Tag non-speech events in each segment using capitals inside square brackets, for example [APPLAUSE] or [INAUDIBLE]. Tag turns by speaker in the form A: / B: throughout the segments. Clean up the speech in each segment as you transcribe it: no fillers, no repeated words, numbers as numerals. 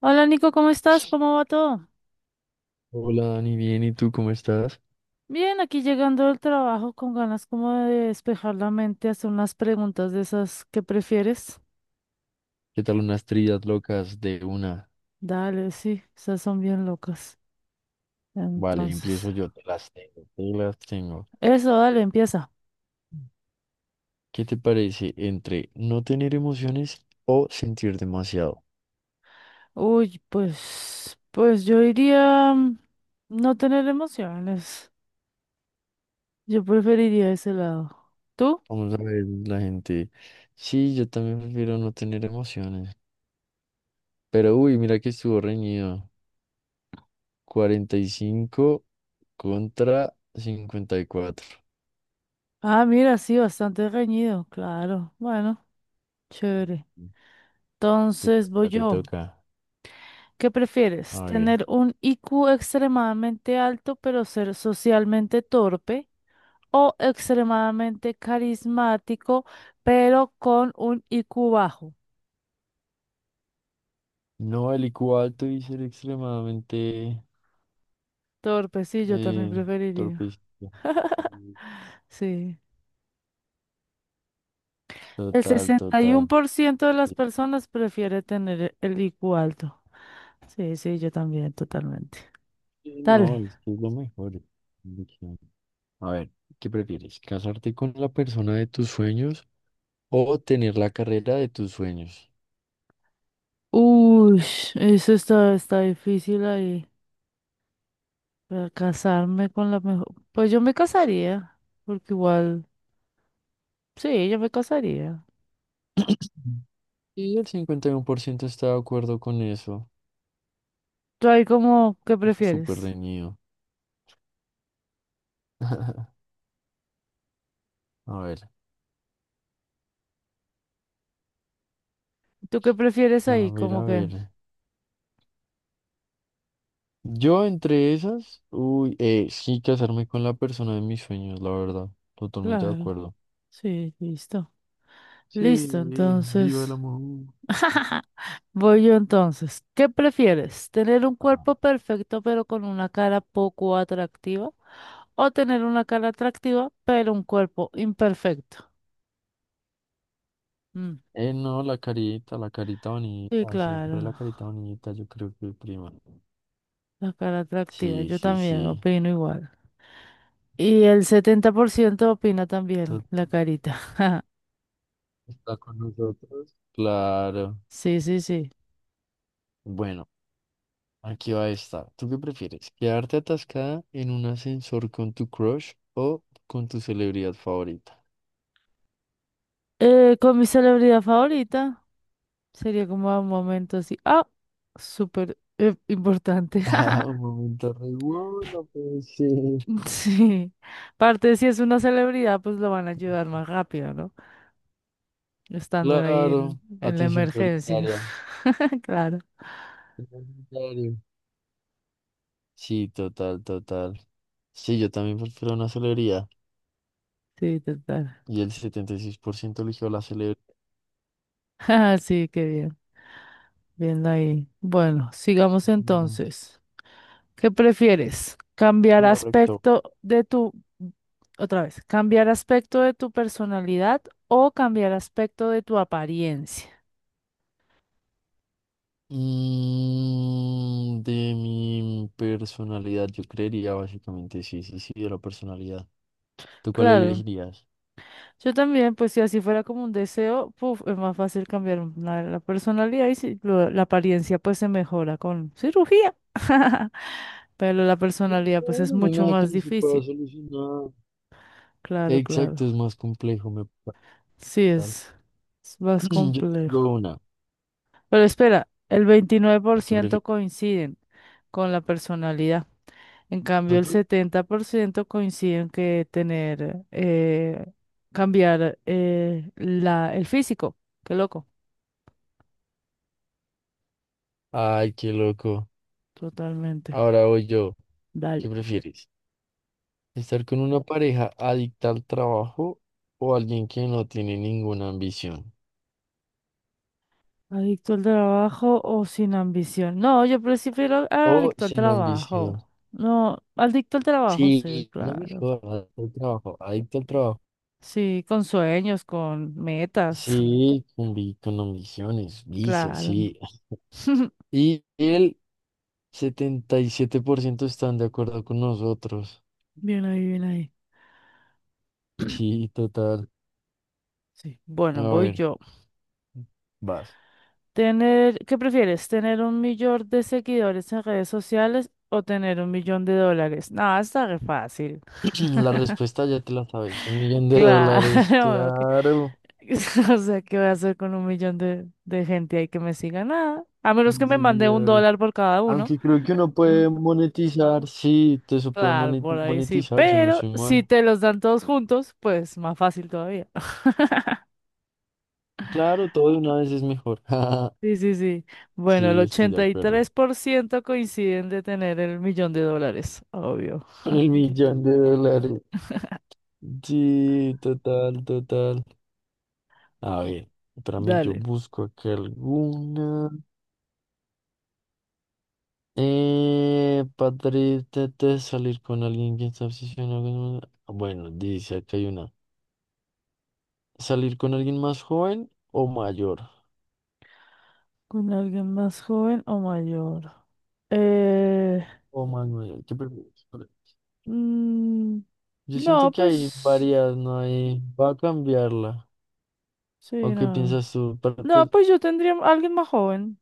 A: Hola Nico, ¿cómo estás? ¿Cómo va todo?
B: Hola Dani, bien, ¿y tú cómo estás?
A: Bien, aquí llegando del trabajo con ganas como de despejar la mente, hacer unas preguntas de esas que prefieres.
B: ¿Qué tal unas trillas locas de una?
A: Dale, sí, esas son bien locas.
B: Vale,
A: Entonces,
B: empiezo yo, te las tengo, te las tengo.
A: eso, dale, empieza.
B: ¿Qué te parece entre no tener emociones o sentir demasiado?
A: Uy, pues yo iría no tener emociones. Yo preferiría ese lado. ¿Tú?
B: Vamos a ver la gente. Sí, yo también prefiero no tener emociones. Pero uy, mira que estuvo reñido. 45 contra 54.
A: Ah, mira, sí, bastante reñido, claro. Bueno, chévere.
B: Te
A: Entonces voy
B: toca, te
A: yo.
B: toca.
A: ¿Qué prefieres?
B: A ver.
A: ¿Tener un IQ extremadamente alto pero ser socialmente torpe? ¿O extremadamente carismático pero con un IQ bajo?
B: No, el IQ alto y ser extremadamente
A: Torpe, sí, yo también
B: Eh,
A: preferiría.
B: torpecito.
A: Sí. El
B: Total,
A: sesenta y uno
B: total.
A: por ciento de las
B: Es
A: personas prefiere tener el IQ alto. Sí, sí, yo también, totalmente.
B: No,
A: Dale.
B: es que es lo mejor. Es una opción. A ver, ¿qué prefieres? ¿Casarte con la persona de tus sueños o tener la carrera de tus sueños?
A: Uy, eso está difícil ahí. Para casarme con la mejor. Pues yo me casaría, porque igual. Sí, yo me casaría.
B: Mm. Y el 51% está de acuerdo con eso.
A: ¿Tú ahí como qué
B: Súper
A: prefieres?
B: reñido. [LAUGHS] A ver,
A: ¿Tú qué prefieres
B: a
A: ahí?
B: ver,
A: Como
B: a
A: que,
B: ver. Yo entre esas, uy, sí, casarme con la persona de mis sueños, la verdad. Totalmente de
A: claro,
B: acuerdo.
A: sí, listo.
B: Sí,
A: Listo,
B: viva el
A: entonces.
B: amor.
A: [LAUGHS] Voy yo entonces. ¿Qué prefieres? ¿Tener un
B: [LAUGHS]
A: cuerpo perfecto pero con una cara poco atractiva? ¿O tener una cara atractiva pero un cuerpo imperfecto? Mm,
B: No, la carita
A: Sí,
B: bonita, siempre
A: claro,
B: la carita bonita, yo creo que prima.
A: la cara atractiva.
B: Sí,
A: Yo
B: sí,
A: también
B: sí.
A: opino igual. Y el 70% opina también
B: Tú-
A: la carita. [LAUGHS]
B: Está con nosotros. Claro.
A: Sí, sí, sí.
B: Bueno, aquí va esta. ¿Tú qué prefieres? ¿Quedarte atascada en un ascensor con tu crush o con tu celebridad favorita? [LAUGHS]
A: Con mi celebridad favorita sería como un momento así, súper importante.
B: Ah,
A: [LAUGHS]
B: un momento re wow, no puede ser.
A: Sí, aparte si es una celebridad, pues lo van a ayudar más rápido, ¿no? Estando ahí en,
B: Claro,
A: en la
B: atención
A: emergencia.
B: prioritaria.
A: [LAUGHS] Claro,
B: Prioritario. Sí, total, total. Sí, yo también prefiero una celebridad.
A: sí, total.
B: Y el 76% eligió la celebridad.
A: [LAUGHS] Ah, sí, qué bien, viendo ahí. Bueno, sigamos
B: Mm.
A: entonces. ¿Qué prefieres? ¿Cambiar
B: Correcto.
A: aspecto de tu, otra vez, cambiar aspecto de tu personalidad o cambiar aspecto de tu apariencia?
B: De mi personalidad, yo creería básicamente, sí, sí, sí, de la personalidad. ¿Tú cuál
A: Claro,
B: elegirías?
A: yo también, pues si así fuera como un deseo, puf, es más fácil cambiar la personalidad y si la apariencia pues se mejora con cirugía, [LAUGHS] pero la
B: Sí,
A: personalidad pues es
B: bueno, no hay
A: mucho
B: nada que
A: más
B: no se pueda
A: difícil.
B: solucionar.
A: Claro, claro.
B: Exacto, es más complejo, me
A: Sí,
B: parece.
A: es más
B: [CLEARS THROAT] Yo tengo
A: complejo.
B: una.
A: Pero espera, el
B: ¿Qué
A: 29%
B: prefieres?
A: coinciden con la personalidad. En cambio, el
B: ¿Otro?
A: 70% coinciden que tener, cambiar el físico. Qué loco.
B: Ay, qué loco.
A: Totalmente.
B: Ahora voy yo.
A: Dale.
B: ¿Qué prefieres? ¿Estar con una pareja adicta al trabajo o alguien que no tiene ninguna ambición?
A: ¿Adicto al trabajo o sin ambición? No, yo prefiero
B: O
A: adicto al
B: sin
A: trabajo.
B: ambición.
A: No, adicto al trabajo, sí,
B: Sí, no
A: claro.
B: mejor jodas, el trabajo, adicto al trabajo.
A: Sí, con sueños, con metas. [LAUGHS]
B: Sí, con ambiciones, vicios,
A: Claro.
B: sí.
A: [LAUGHS]
B: Y el 77% están de acuerdo con nosotros.
A: Bien ahí, bien ahí.
B: Sí, total.
A: Sí.
B: A
A: Bueno, voy
B: ver,
A: yo.
B: vas.
A: ¿Qué prefieres? ¿Tener un millón de seguidores en redes sociales o tener un millón de dólares? No, está re fácil.
B: [CLEARS THROAT] La respuesta ya te la sabes, 1 millón de dólares,
A: Claro. que-
B: claro,
A: [LAUGHS] O sea, ¿qué voy a hacer con un millón de gente ahí que me siga? Nada. A menos que
B: de
A: me mande un
B: seguidores.
A: dólar por cada uno.
B: Aunque creo que uno
A: Mm,
B: puede monetizar, sí, todo eso puede
A: Claro, por ahí sí.
B: monetizar si no
A: Pero
B: estoy
A: si
B: mal.
A: te los dan todos juntos, pues más fácil todavía. [LAUGHS]
B: Claro, todo de una vez es mejor. [LAUGHS]
A: Sí, sí, sí. Bueno, el
B: Sí, estoy de
A: ochenta y
B: acuerdo.
A: tres por ciento coinciden de tener el millón de dólares, obvio.
B: Con el 1 millón de dólares. Sí, total, total. A ver, para mí yo
A: Dale.
B: busco acá alguna. Padre, salir con alguien que está obsesionado con... Bueno, dice acá hay una. ¿Salir con alguien más joven o mayor?
A: Con alguien más joven o mayor. Eh,
B: O más mayor, ¿qué prefieres?
A: mm,
B: Yo siento
A: no,
B: que hay
A: pues
B: varias, no hay... Va a cambiarla.
A: sí,
B: ¿O qué
A: no.
B: piensas tú?
A: No,
B: Pues,
A: pues yo tendría a alguien más joven,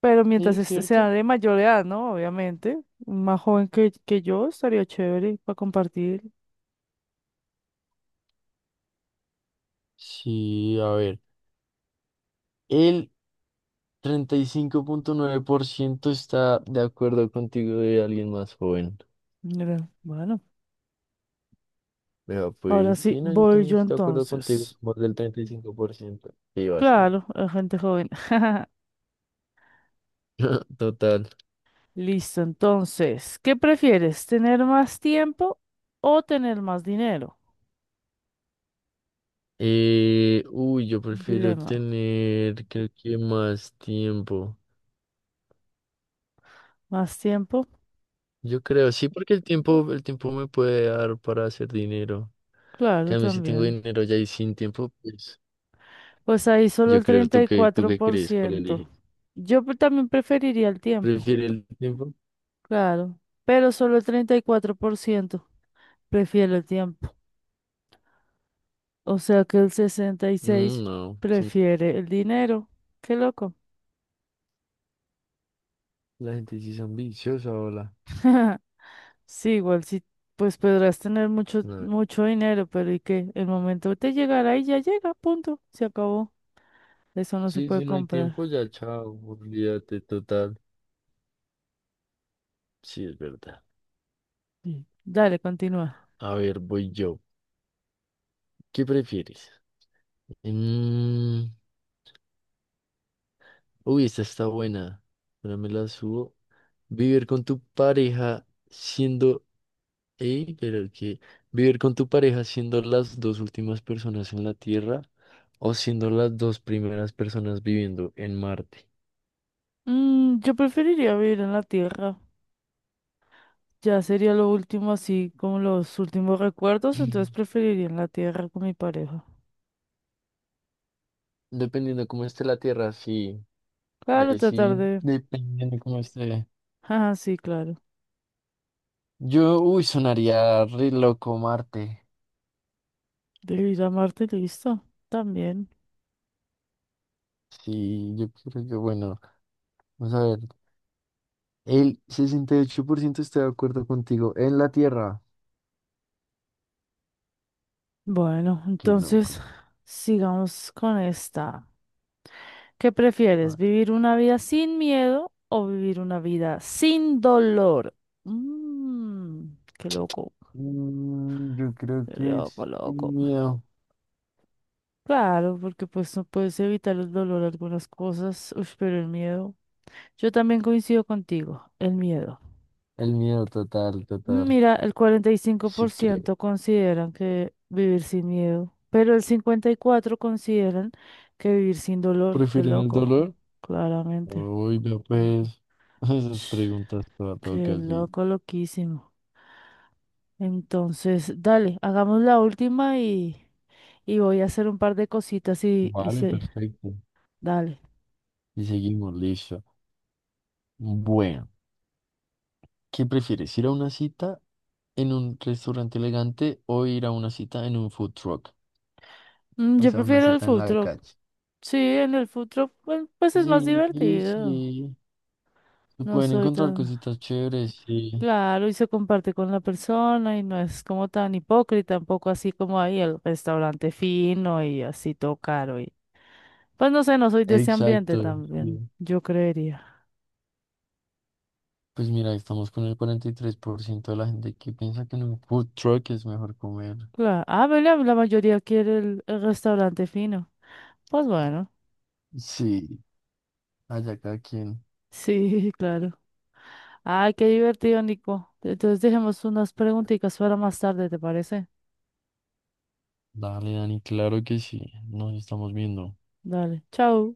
A: pero mientras
B: sí,
A: este sea
B: ¿cierto?
A: de mayor edad, ¿no? Obviamente, más joven que yo estaría chévere para compartir.
B: Sí, a ver. Él 35,9% está de acuerdo contigo de alguien más joven.
A: Mira, bueno,
B: Vea,
A: ahora
B: pues
A: sí,
B: sí, no, yo
A: voy
B: también
A: yo
B: estoy de acuerdo contigo,
A: entonces.
B: somos del 35%. Sí, vas tú.
A: Claro, la gente joven. [LAUGHS]
B: [LAUGHS] Total.
A: Listo, entonces, ¿qué prefieres? ¿Tener más tiempo o tener más dinero?
B: Uy, yo prefiero
A: Dilema.
B: tener, creo que más tiempo.
A: Más tiempo,
B: Yo creo, sí, porque el tiempo me puede dar para hacer dinero. En
A: claro,
B: cambio, si tengo
A: también.
B: dinero ya y sin tiempo, pues
A: Pues ahí solo
B: yo
A: el
B: creo,
A: treinta
B: ¿tú
A: y
B: qué, tú
A: cuatro
B: qué
A: por
B: crees? ¿Cuál
A: ciento
B: eliges?
A: Yo también preferiría el tiempo,
B: ¿prefiero el tiempo?
A: claro, pero solo el 34% prefiere el tiempo. O sea que el 66%
B: No, son.
A: prefiere el dinero. Qué loco.
B: La gente sí es ambiciosa, hola.
A: [LAUGHS] Sí, igual sí, pues podrás tener mucho,
B: No,
A: mucho dinero, pero ¿y qué? El momento te llegará y ya llega, punto. Se acabó. Eso no se
B: sí,
A: puede
B: si no hay tiempo,
A: comprar.
B: ya chao, olvídate total. Sí, es verdad.
A: Sí. Dale, continúa.
B: A ver, voy yo. ¿Qué prefieres? Mm. Uy, esta está buena. Ahora me la subo. Vivir con tu pareja siendo... Ey, pero que... Vivir con tu pareja siendo las dos últimas personas en la Tierra o siendo las dos primeras personas viviendo en Marte.
A: Yo preferiría vivir en la tierra. Ya sería lo último, así como los últimos recuerdos, entonces
B: [CLEARS THROAT]
A: preferiría en la tierra con mi pareja.
B: Mm. Dependiendo cómo esté la Tierra, sí.
A: Claro,
B: Ahí
A: tratar
B: sí,
A: de.
B: dependiendo cómo esté.
A: Ah, sí, claro.
B: Yo, uy, sonaría re loco Marte.
A: De ir a Marte, listo. También.
B: Sí, yo creo que, bueno, vamos a ver. El 68% está de acuerdo contigo. En la Tierra.
A: Bueno,
B: Qué
A: entonces
B: loco.
A: sigamos con esta. ¿Qué prefieres?
B: Ah,
A: ¿Vivir una vida sin miedo o vivir una vida sin dolor? Mmm, Qué loco,
B: yo creo
A: qué
B: que
A: loco,
B: es el
A: loco.
B: miedo.
A: Claro, porque pues no puedes evitar el dolor algunas cosas, ush, pero el miedo. Yo también coincido contigo, el miedo.
B: El miedo total, total.
A: Mira, el cuarenta y cinco por
B: Sí, creo.
A: ciento consideran que vivir sin miedo, pero el 54% consideran que vivir sin dolor. Qué
B: ¿Prefieren el
A: loco,
B: dolor?
A: claramente.
B: Uy, vea pues. [LAUGHS] Esas
A: Sh,
B: preguntas para todo
A: qué
B: casi.
A: loco, loquísimo. Entonces, dale, hagamos la última y voy a hacer un par de cositas y
B: Vale,
A: sí,
B: perfecto.
A: dale.
B: Y seguimos, listo. Bueno. ¿Qué prefieres, ir a una cita en un restaurante elegante o ir a una cita en un food truck? O
A: Yo
B: sea, una
A: prefiero el
B: cita en
A: food
B: la
A: truck.
B: calle.
A: Sí, en el food truck, pues es más
B: Sí, sí,
A: divertido.
B: sí. Se
A: No
B: pueden
A: soy
B: encontrar
A: tan.
B: cositas chéveres, sí.
A: Claro, y se comparte con la persona y no es como tan hipócrita, tampoco así como ahí el restaurante fino y así todo caro. Y. Pues no sé, no soy de ese ambiente
B: Exacto,
A: también,
B: sí.
A: yo creería.
B: Pues mira, estamos con el 43% de la gente que piensa que en un food truck es mejor comer.
A: Claro. Ah, bueno, la mayoría quiere el restaurante fino. Pues bueno,
B: Sí, allá cada quien.
A: sí, [LAUGHS] claro. Ay, qué divertido, Nico. Entonces dejemos unas preguntitas para más tarde, ¿te parece?
B: Dale, Dani, claro que sí. Nos estamos viendo.
A: Dale, chao.